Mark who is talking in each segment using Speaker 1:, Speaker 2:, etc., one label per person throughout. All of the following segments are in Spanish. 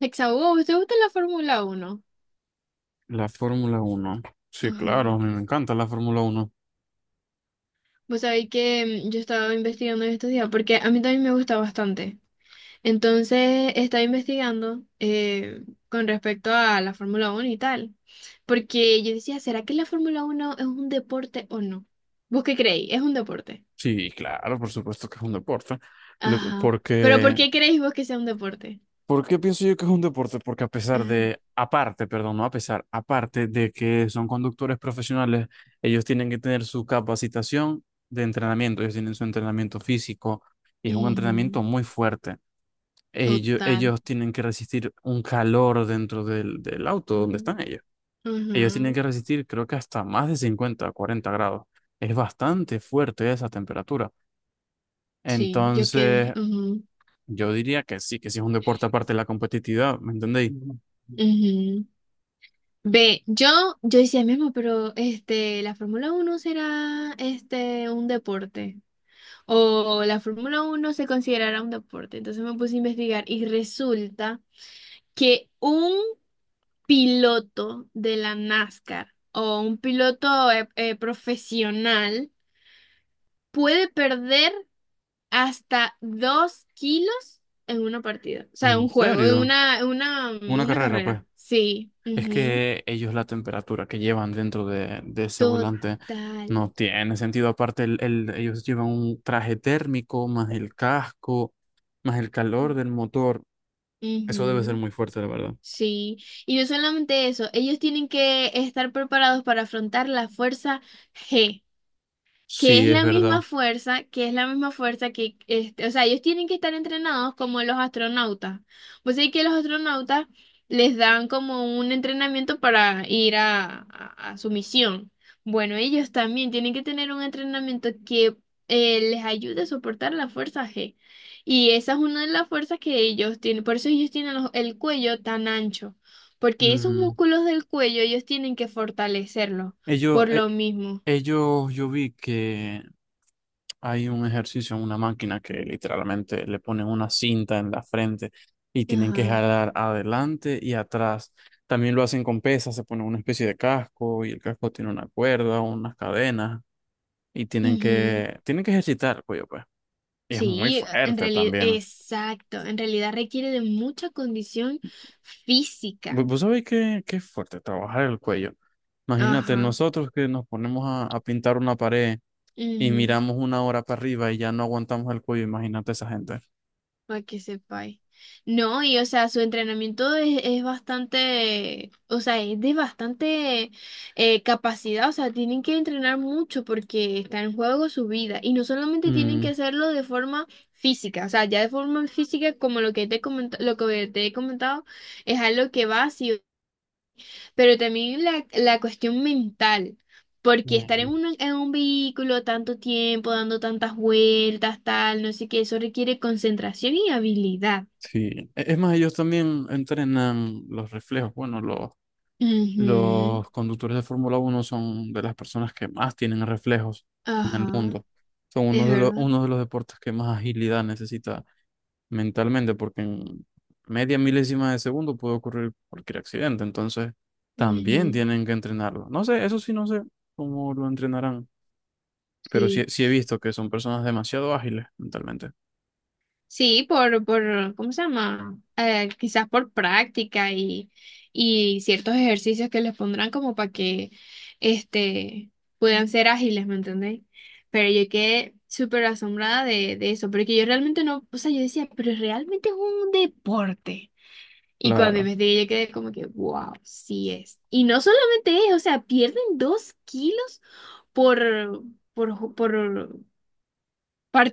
Speaker 1: Hexago, ¿usted gusta la Fórmula Uno?
Speaker 2: La Fórmula uno. Sí, claro,
Speaker 1: Ajá.
Speaker 2: a mí me encanta la Fórmula uno.
Speaker 1: Pues sabéis que yo estaba investigando en estos días, porque a mí también me gusta bastante. Entonces, estaba investigando con respecto a la Fórmula Uno y tal. Porque yo decía, ¿será que la Fórmula Uno es un deporte o no? ¿Vos qué creéis? ¿Es un deporte?
Speaker 2: Sí, claro, por supuesto que es un deporte.
Speaker 1: Ajá. ¿Pero por
Speaker 2: Porque,
Speaker 1: qué creéis vos que sea un deporte?
Speaker 2: ¿por qué pienso yo que es un deporte? Porque a pesar
Speaker 1: Ajá.
Speaker 2: de, aparte, perdón, no a pesar, aparte de que son conductores profesionales, ellos tienen que tener su capacitación de entrenamiento, ellos tienen su entrenamiento físico y es un
Speaker 1: Ujú.
Speaker 2: entrenamiento muy fuerte. Ellos,
Speaker 1: Total.
Speaker 2: ellos tienen que resistir un calor dentro del auto donde
Speaker 1: Ajá.
Speaker 2: están ellos. Ellos tienen
Speaker 1: Ujú.
Speaker 2: que resistir, creo que hasta más de 50 40 grados. Es bastante fuerte esa temperatura.
Speaker 1: Sí, yo quedé.
Speaker 2: Entonces,
Speaker 1: Ujú,
Speaker 2: yo diría que sí es un deporte aparte de la competitividad, ¿me entendéis?
Speaker 1: ujú. Ve, yo decía mismo, pero este, la Fórmula uno será este un deporte. O la Fórmula uno se considerará un deporte. Entonces me puse a investigar y resulta que un piloto de la NASCAR o un piloto profesional puede perder hasta 2 kilos en una partida. O sea, en
Speaker 2: ¿En
Speaker 1: un juego,
Speaker 2: serio?
Speaker 1: en
Speaker 2: Una
Speaker 1: una
Speaker 2: carrera, pues.
Speaker 1: carrera. Sí.
Speaker 2: Es
Speaker 1: Ujú.
Speaker 2: que ellos la temperatura que llevan dentro de ese
Speaker 1: Total.
Speaker 2: volante no tiene sentido. Aparte, ellos llevan un traje térmico, más el casco, más el calor del motor. Eso debe ser
Speaker 1: Ujú.
Speaker 2: muy fuerte, la verdad.
Speaker 1: Sí, y no solamente eso, ellos tienen que estar preparados para afrontar la fuerza G que
Speaker 2: Sí,
Speaker 1: es
Speaker 2: es
Speaker 1: la misma
Speaker 2: verdad.
Speaker 1: fuerza, que, este, o sea, ellos tienen que estar entrenados como los astronautas. Pues sí que los astronautas les dan como un entrenamiento para ir a, a su misión. Bueno, ellos también tienen que tener un entrenamiento que les ayude a soportar la fuerza G. Y esa es una de las fuerzas que ellos tienen. Por eso ellos tienen el cuello tan ancho. Porque esos
Speaker 2: Mm.
Speaker 1: músculos del cuello ellos tienen que fortalecerlos
Speaker 2: Ellos,
Speaker 1: por
Speaker 2: eh,
Speaker 1: lo mismo.
Speaker 2: Ellos, yo vi que hay un ejercicio en una máquina que literalmente le ponen una cinta en la frente y tienen que
Speaker 1: Ajá.
Speaker 2: jalar adelante y atrás. También lo hacen con pesas, se ponen una especie de casco y el casco tiene una cuerda, unas cadenas y tienen
Speaker 1: Ujú.
Speaker 2: que, tienen que ejercitar el cuello, pues. Y es muy
Speaker 1: Sí, en
Speaker 2: fuerte
Speaker 1: realidad,
Speaker 2: también.
Speaker 1: exacto, en realidad requiere de mucha condición física.
Speaker 2: ¿Vos sabéis que es fuerte trabajar el cuello? Imagínate,
Speaker 1: Ajá,
Speaker 2: nosotros que nos ponemos a pintar una pared y
Speaker 1: ujú,
Speaker 2: miramos una hora para arriba y ya no aguantamos el cuello, imagínate esa gente.
Speaker 1: para que sepáis. No, y o sea, su entrenamiento es bastante, o sea, es de bastante capacidad, o sea, tienen que entrenar mucho porque está en juego su vida y no solamente tienen que
Speaker 2: Mm,
Speaker 1: hacerlo de forma física, o sea, ya de forma física como lo que te he comentado, es algo que va sí. Pero también la cuestión mental, porque estar en
Speaker 2: mm,
Speaker 1: un, vehículo tanto tiempo, dando tantas vueltas, tal, no sé qué, eso requiere concentración y habilidad.
Speaker 2: sí, es más, ellos también entrenan los reflejos. Bueno, los,
Speaker 1: Ujú,
Speaker 2: los conductores de Fórmula uno son de las personas que más tienen reflejos en el
Speaker 1: ajá,
Speaker 2: mundo. Son
Speaker 1: es
Speaker 2: uno de los,
Speaker 1: verdad.
Speaker 2: uno de los deportes que más agilidad necesita mentalmente, porque en media milésima de segundo puede ocurrir cualquier accidente. Entonces, también
Speaker 1: Ujú,
Speaker 2: tienen que entrenarlo. No sé, eso sí no sé cómo lo entrenarán, pero sí,
Speaker 1: sí.
Speaker 2: sí he visto que son personas demasiado ágiles mentalmente.
Speaker 1: Sí, ¿cómo se llama? Quizás por práctica y ciertos ejercicios que les pondrán como para que este, puedan ser ágiles, ¿me entendéis? Pero yo quedé súper asombrada de eso, porque yo realmente no, o sea, yo decía, pero realmente es un deporte. Y cuando
Speaker 2: Claro,
Speaker 1: investigué, yo quedé como que, wow, sí es. Y no solamente es, o sea, pierden 2 kilos por, por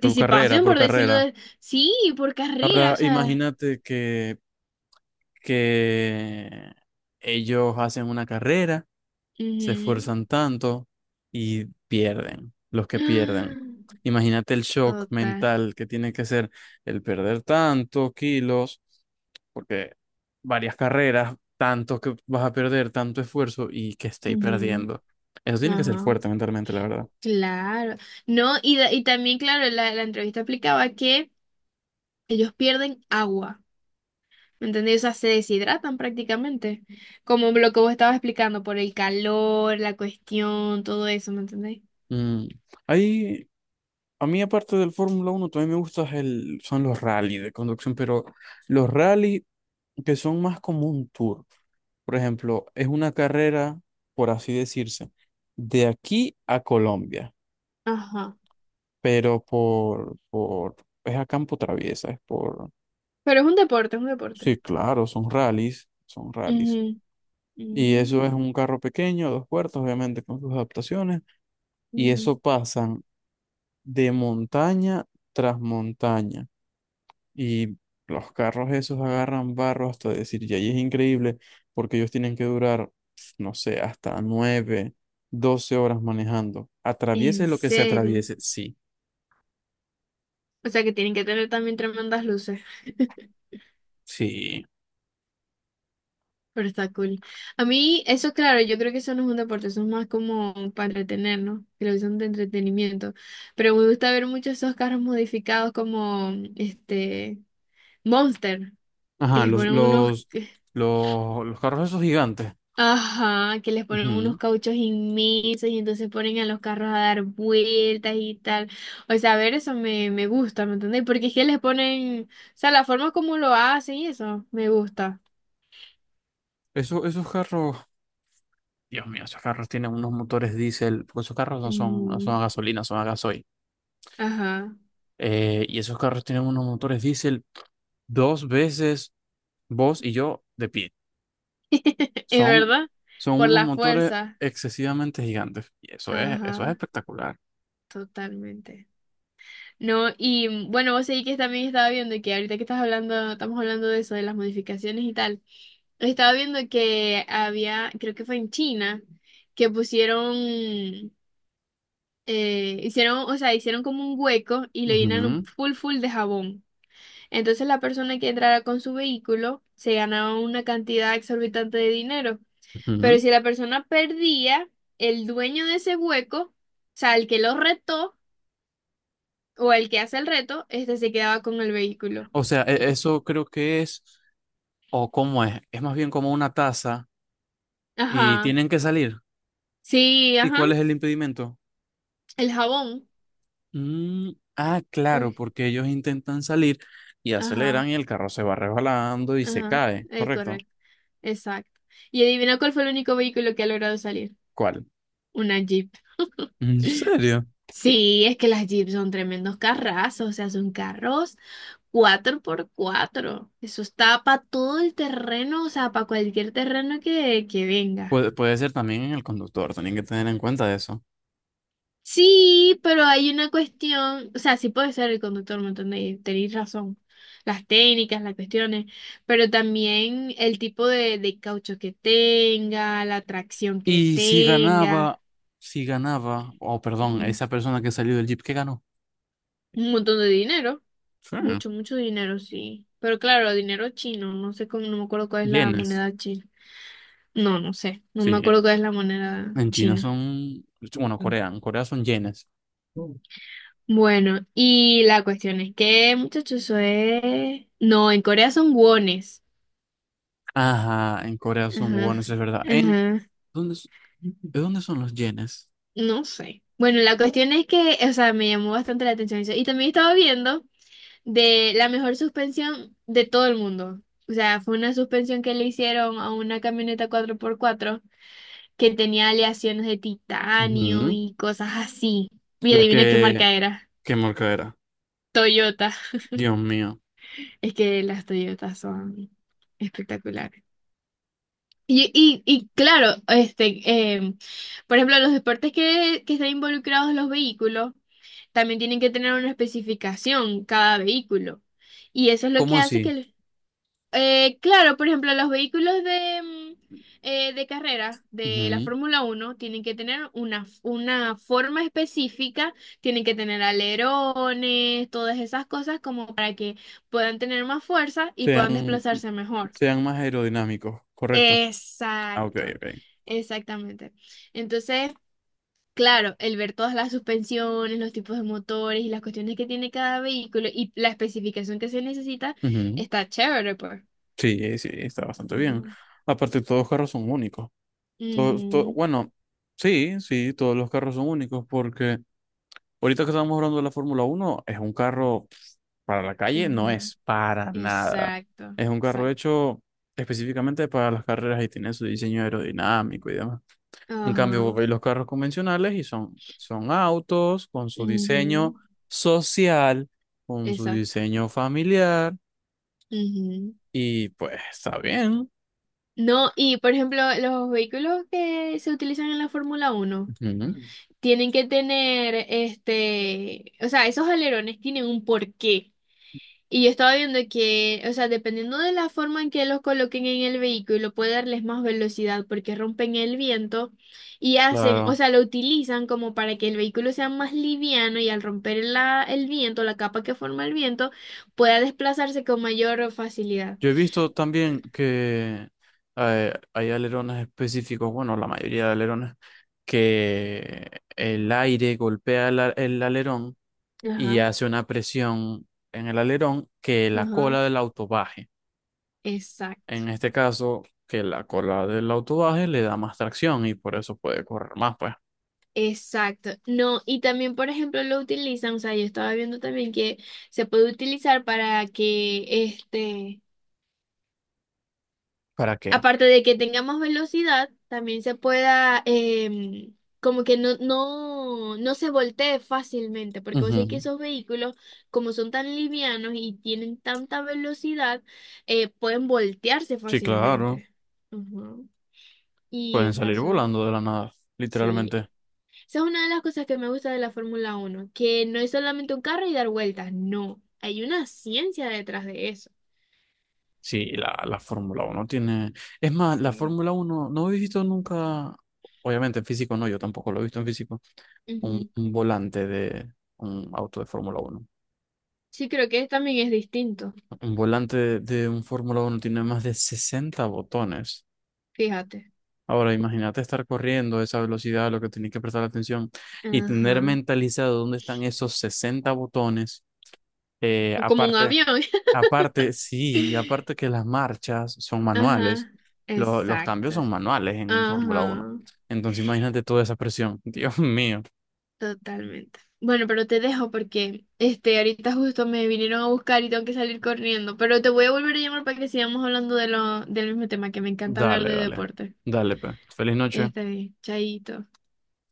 Speaker 2: por carrera, por
Speaker 1: por decirlo
Speaker 2: carrera.
Speaker 1: de... Sí, por carrera,
Speaker 2: Ahora
Speaker 1: o sea.
Speaker 2: imagínate que ellos hacen una carrera, se
Speaker 1: Ujú.
Speaker 2: esfuerzan tanto y pierden, los que pierden. Imagínate el shock
Speaker 1: Total.
Speaker 2: mental que tiene que ser el perder tantos kilos, porque varias carreras, tanto que vas a perder, tanto esfuerzo y que estéis
Speaker 1: Ujú.
Speaker 2: perdiendo. Eso tiene que ser
Speaker 1: Ajá.
Speaker 2: fuerte mentalmente, la verdad.
Speaker 1: Claro. No, y, y también, claro, la entrevista explicaba que ellos pierden agua. ¿Me entendés? O sea, se deshidratan prácticamente. Como lo que vos estabas explicando, por el calor, la cuestión, todo eso, ¿me entendés?
Speaker 2: Mm. Hay, A mí, aparte del Fórmula uno también me gustan el, son los rally de conducción, pero los rally que son más como un tour. Por ejemplo, es una carrera, por así decirse, de aquí a Colombia,
Speaker 1: Ajá.
Speaker 2: pero es a campo traviesa,
Speaker 1: Pero es un deporte, es un deporte.
Speaker 2: sí, claro, son rallies, son rallies.
Speaker 1: Ujú.
Speaker 2: Y eso es
Speaker 1: Mm,
Speaker 2: un carro pequeño, dos puertas, obviamente con sus adaptaciones, y
Speaker 1: ujú.
Speaker 2: eso pasan de montaña tras montaña. Y los carros esos agarran barro hasta decir, y ahí es increíble, porque ellos tienen que durar, pf, no sé, hasta 9, 12 horas manejando.
Speaker 1: ¿En
Speaker 2: Atraviese lo que se
Speaker 1: serio?
Speaker 2: atraviese, sí,
Speaker 1: O sea que tienen que tener también tremendas luces.
Speaker 2: sí.
Speaker 1: Pero está cool. A mí, eso claro, yo creo que eso no es un deporte, eso es más como para entretenernos, televisión de entretenimiento. Pero me gusta ver muchos esos carros modificados como este Monster, que
Speaker 2: Ajá,
Speaker 1: les
Speaker 2: los,
Speaker 1: ponen unos,
Speaker 2: los, los, los carros esos gigantes.
Speaker 1: ajá, que les ponen unos
Speaker 2: Ujú.
Speaker 1: cauchos inmensos y entonces ponen a los carros a dar vueltas y tal. O sea, a ver eso me gusta, ¿me entendéis? Porque es que les ponen, o sea, la forma como lo hacen y eso me gusta.
Speaker 2: Esos carros, Dios mío, esos carros tienen unos motores diésel, porque esos carros no son
Speaker 1: Mm.
Speaker 2: a gasolina, son a gasoil.
Speaker 1: Ajá,
Speaker 2: Y esos carros tienen unos motores diésel dos veces vos y yo de pie.
Speaker 1: es
Speaker 2: Son,
Speaker 1: verdad,
Speaker 2: son
Speaker 1: por
Speaker 2: unos
Speaker 1: la
Speaker 2: motores
Speaker 1: fuerza.
Speaker 2: excesivamente gigantes. Y eso es
Speaker 1: Ajá,
Speaker 2: espectacular.
Speaker 1: totalmente. No, y bueno, vos seguís que también estaba viendo que ahorita que estás hablando, estamos hablando de eso, de las modificaciones y tal. Estaba viendo que había, creo que fue en China, que pusieron, hicieron, o sea, hicieron como un hueco y lo llenaron
Speaker 2: Ujú,
Speaker 1: full full de jabón. Entonces la persona que entrara con su vehículo se ganaba una cantidad exorbitante de dinero. Pero
Speaker 2: ujú.
Speaker 1: si la persona perdía, el dueño de ese hueco, o sea, el que lo retó o el que hace el reto, este se quedaba con el vehículo.
Speaker 2: O sea,
Speaker 1: Y,
Speaker 2: eso creo que es, o cómo es más bien como una taza y
Speaker 1: ajá,
Speaker 2: tienen que salir.
Speaker 1: sí,
Speaker 2: ¿Y
Speaker 1: ajá,
Speaker 2: cuál es el impedimento?
Speaker 1: el jabón.
Speaker 2: Mm, ah,
Speaker 1: Por,
Speaker 2: claro, porque ellos intentan salir y aceleran
Speaker 1: ajá,
Speaker 2: y el carro se va resbalando y se
Speaker 1: ajá,
Speaker 2: cae,
Speaker 1: es
Speaker 2: ¿correcto?
Speaker 1: correcto, exacto. Y adivina cuál fue el único vehículo que ha logrado salir.
Speaker 2: ¿Cuál?
Speaker 1: Una Jeep.
Speaker 2: ¿En serio?
Speaker 1: Sí, es que las Jeep son tremendos carrazos, o sea, son carros 4x4. Eso está para todo el terreno, o sea, para cualquier terreno que venga.
Speaker 2: Puede ser también en el conductor, tienen que tener en cuenta eso.
Speaker 1: Sí, pero hay una cuestión, o sea, sí puede ser el conductor, ¿me entendéis? Tenéis razón. Las técnicas, las cuestiones, pero también el tipo de caucho que tenga, la tracción que
Speaker 2: Y
Speaker 1: tenga.
Speaker 2: si ganaba, o perdón,
Speaker 1: Ujú.
Speaker 2: esa persona que salió del Jeep, ¿qué ganó?
Speaker 1: Un montón de dinero.
Speaker 2: Sí,
Speaker 1: Mucho, mucho dinero, sí. Pero claro, dinero chino, no sé cómo, no me acuerdo cuál es la
Speaker 2: yenes.
Speaker 1: moneda china. No, no sé, no me
Speaker 2: Sí,
Speaker 1: acuerdo cuál es la moneda
Speaker 2: en China
Speaker 1: china.
Speaker 2: son, bueno, Corea, en Corea son yenes.
Speaker 1: Bueno, y la cuestión es que, muchachos, eso es... No, en Corea son wones.
Speaker 2: Ajá, en Corea son
Speaker 1: Ajá,
Speaker 2: wones, es verdad. En,
Speaker 1: ajá,
Speaker 2: ¿dónde, ¿de dónde son los yenes?
Speaker 1: no sé. Bueno, la cuestión es que, o sea, me llamó bastante la atención eso. Y también estaba viendo de la mejor suspensión de todo el mundo. O sea, fue una suspensión que le hicieron a una camioneta 4x4 que tenía aleaciones de titanio
Speaker 2: Ujú.
Speaker 1: y cosas así. Y
Speaker 2: La
Speaker 1: adivina qué
Speaker 2: que,
Speaker 1: marca era.
Speaker 2: qué marca era.
Speaker 1: Toyota.
Speaker 2: Dios mío.
Speaker 1: Es que las Toyotas son espectaculares. Y claro, este, em, por ejemplo, los deportes que están involucrados los vehículos también tienen que tener una especificación cada vehículo. Y eso es lo que
Speaker 2: ¿Cómo
Speaker 1: hace que
Speaker 2: así?
Speaker 1: el... Claro, por ejemplo, los vehículos de carrera de la
Speaker 2: Ujú.
Speaker 1: Fórmula uno tienen que tener una forma específica, tienen que tener alerones, todas esas cosas como para que puedan tener más fuerza y puedan
Speaker 2: Sean,
Speaker 1: desplazarse mejor.
Speaker 2: sean más aerodinámicos, correcto. Ah, ok,
Speaker 1: Exacto,
Speaker 2: ok.
Speaker 1: exactamente. Entonces, claro, el ver todas las suspensiones, los tipos de motores y las cuestiones que tiene cada vehículo y la especificación que se necesita
Speaker 2: Ujú.
Speaker 1: está chévere, pues.
Speaker 2: Sí, sí, está bastante
Speaker 1: Ujú.
Speaker 2: bien. Aparte, todos los carros son únicos.
Speaker 1: Ujú.
Speaker 2: Bueno, sí, sí, todos los carros son únicos porque ahorita que estamos hablando de la Fórmula Uno es un carro para la calle, no
Speaker 1: Ujú.
Speaker 2: es para nada.
Speaker 1: Exacto,
Speaker 2: Es un carro
Speaker 1: exacto.
Speaker 2: hecho específicamente para las carreras y tiene su diseño aerodinámico y demás. En cambio, vos
Speaker 1: Ajá.
Speaker 2: veis los carros convencionales y son autos con su
Speaker 1: Ujú.
Speaker 2: diseño social, con su
Speaker 1: Exacto.
Speaker 2: diseño familiar
Speaker 1: Ujú.
Speaker 2: y pues está bien.
Speaker 1: No, y por ejemplo, los vehículos que se utilizan en la Fórmula uno
Speaker 2: Ujú,
Speaker 1: tienen que tener, este, o sea, esos alerones tienen un porqué. Y yo estaba viendo que, o sea, dependiendo de la forma en que los coloquen en el vehículo, puede darles más velocidad porque rompen el viento y hacen, o
Speaker 2: claro.
Speaker 1: sea, lo utilizan como para que el vehículo sea más liviano y al romper la, el viento, la capa que forma el viento, pueda desplazarse con mayor facilidad.
Speaker 2: Yo he visto también que hay alerones específicos, bueno, la mayoría de alerones, que el aire golpea el alerón y
Speaker 1: Ajá,
Speaker 2: hace una presión en el alerón que la
Speaker 1: ajá,
Speaker 2: cola del auto baje.
Speaker 1: exacto.
Speaker 2: En este caso, que la cola del auto baje le da más tracción y por eso puede correr más, pues.
Speaker 1: Exacto. No, y también, por ejemplo, lo utilizan, o sea, yo estaba viendo también que se puede utilizar para que este
Speaker 2: ¿Para qué?
Speaker 1: aparte de que tengamos velocidad, también se pueda, como que no se voltee fácilmente, porque vos sabés que
Speaker 2: Ujú.
Speaker 1: esos vehículos, como son tan livianos y tienen tanta velocidad, pueden voltearse
Speaker 2: Sí, claro,
Speaker 1: fácilmente. Ujú. Y,
Speaker 2: pueden
Speaker 1: o sea,
Speaker 2: salir
Speaker 1: eso es...
Speaker 2: volando de la nada,
Speaker 1: Sí,
Speaker 2: literalmente.
Speaker 1: esa es una de las cosas que me gusta de la Fórmula Uno, que no es solamente un carro y dar vueltas, no, hay una ciencia detrás de eso.
Speaker 2: Sí, la Fórmula uno tiene... Es más, la
Speaker 1: Sí.
Speaker 2: Fórmula uno, no he visto nunca, obviamente en físico no, yo tampoco lo he visto en físico, un,
Speaker 1: Ujú.
Speaker 2: un volante de un auto de Fórmula uno.
Speaker 1: Sí, creo que también es distinto,
Speaker 2: Un volante de, un Fórmula uno tiene más de 60 botones.
Speaker 1: fíjate.
Speaker 2: Ahora, imagínate estar corriendo a esa velocidad, lo que tenés que prestar atención y tener
Speaker 1: Ajá.
Speaker 2: mentalizado dónde están esos 60 botones. Eh,
Speaker 1: Como un
Speaker 2: aparte
Speaker 1: avión.
Speaker 2: Aparte, sí, y aparte que las marchas son manuales,
Speaker 1: Ajá.
Speaker 2: los cambios
Speaker 1: Exacto.
Speaker 2: son manuales en un Fórmula uno.
Speaker 1: Ajá.
Speaker 2: Entonces imagínate toda esa presión. Dios mío.
Speaker 1: Totalmente. Bueno, pero te dejo porque este ahorita justo me vinieron a buscar y tengo que salir corriendo. Pero te voy a volver a llamar para que sigamos hablando de lo, del mismo tema, que me encanta hablar
Speaker 2: Dale,
Speaker 1: de
Speaker 2: dale.
Speaker 1: deporte.
Speaker 2: Dale, pues. Feliz noche.
Speaker 1: Está bien, chaito.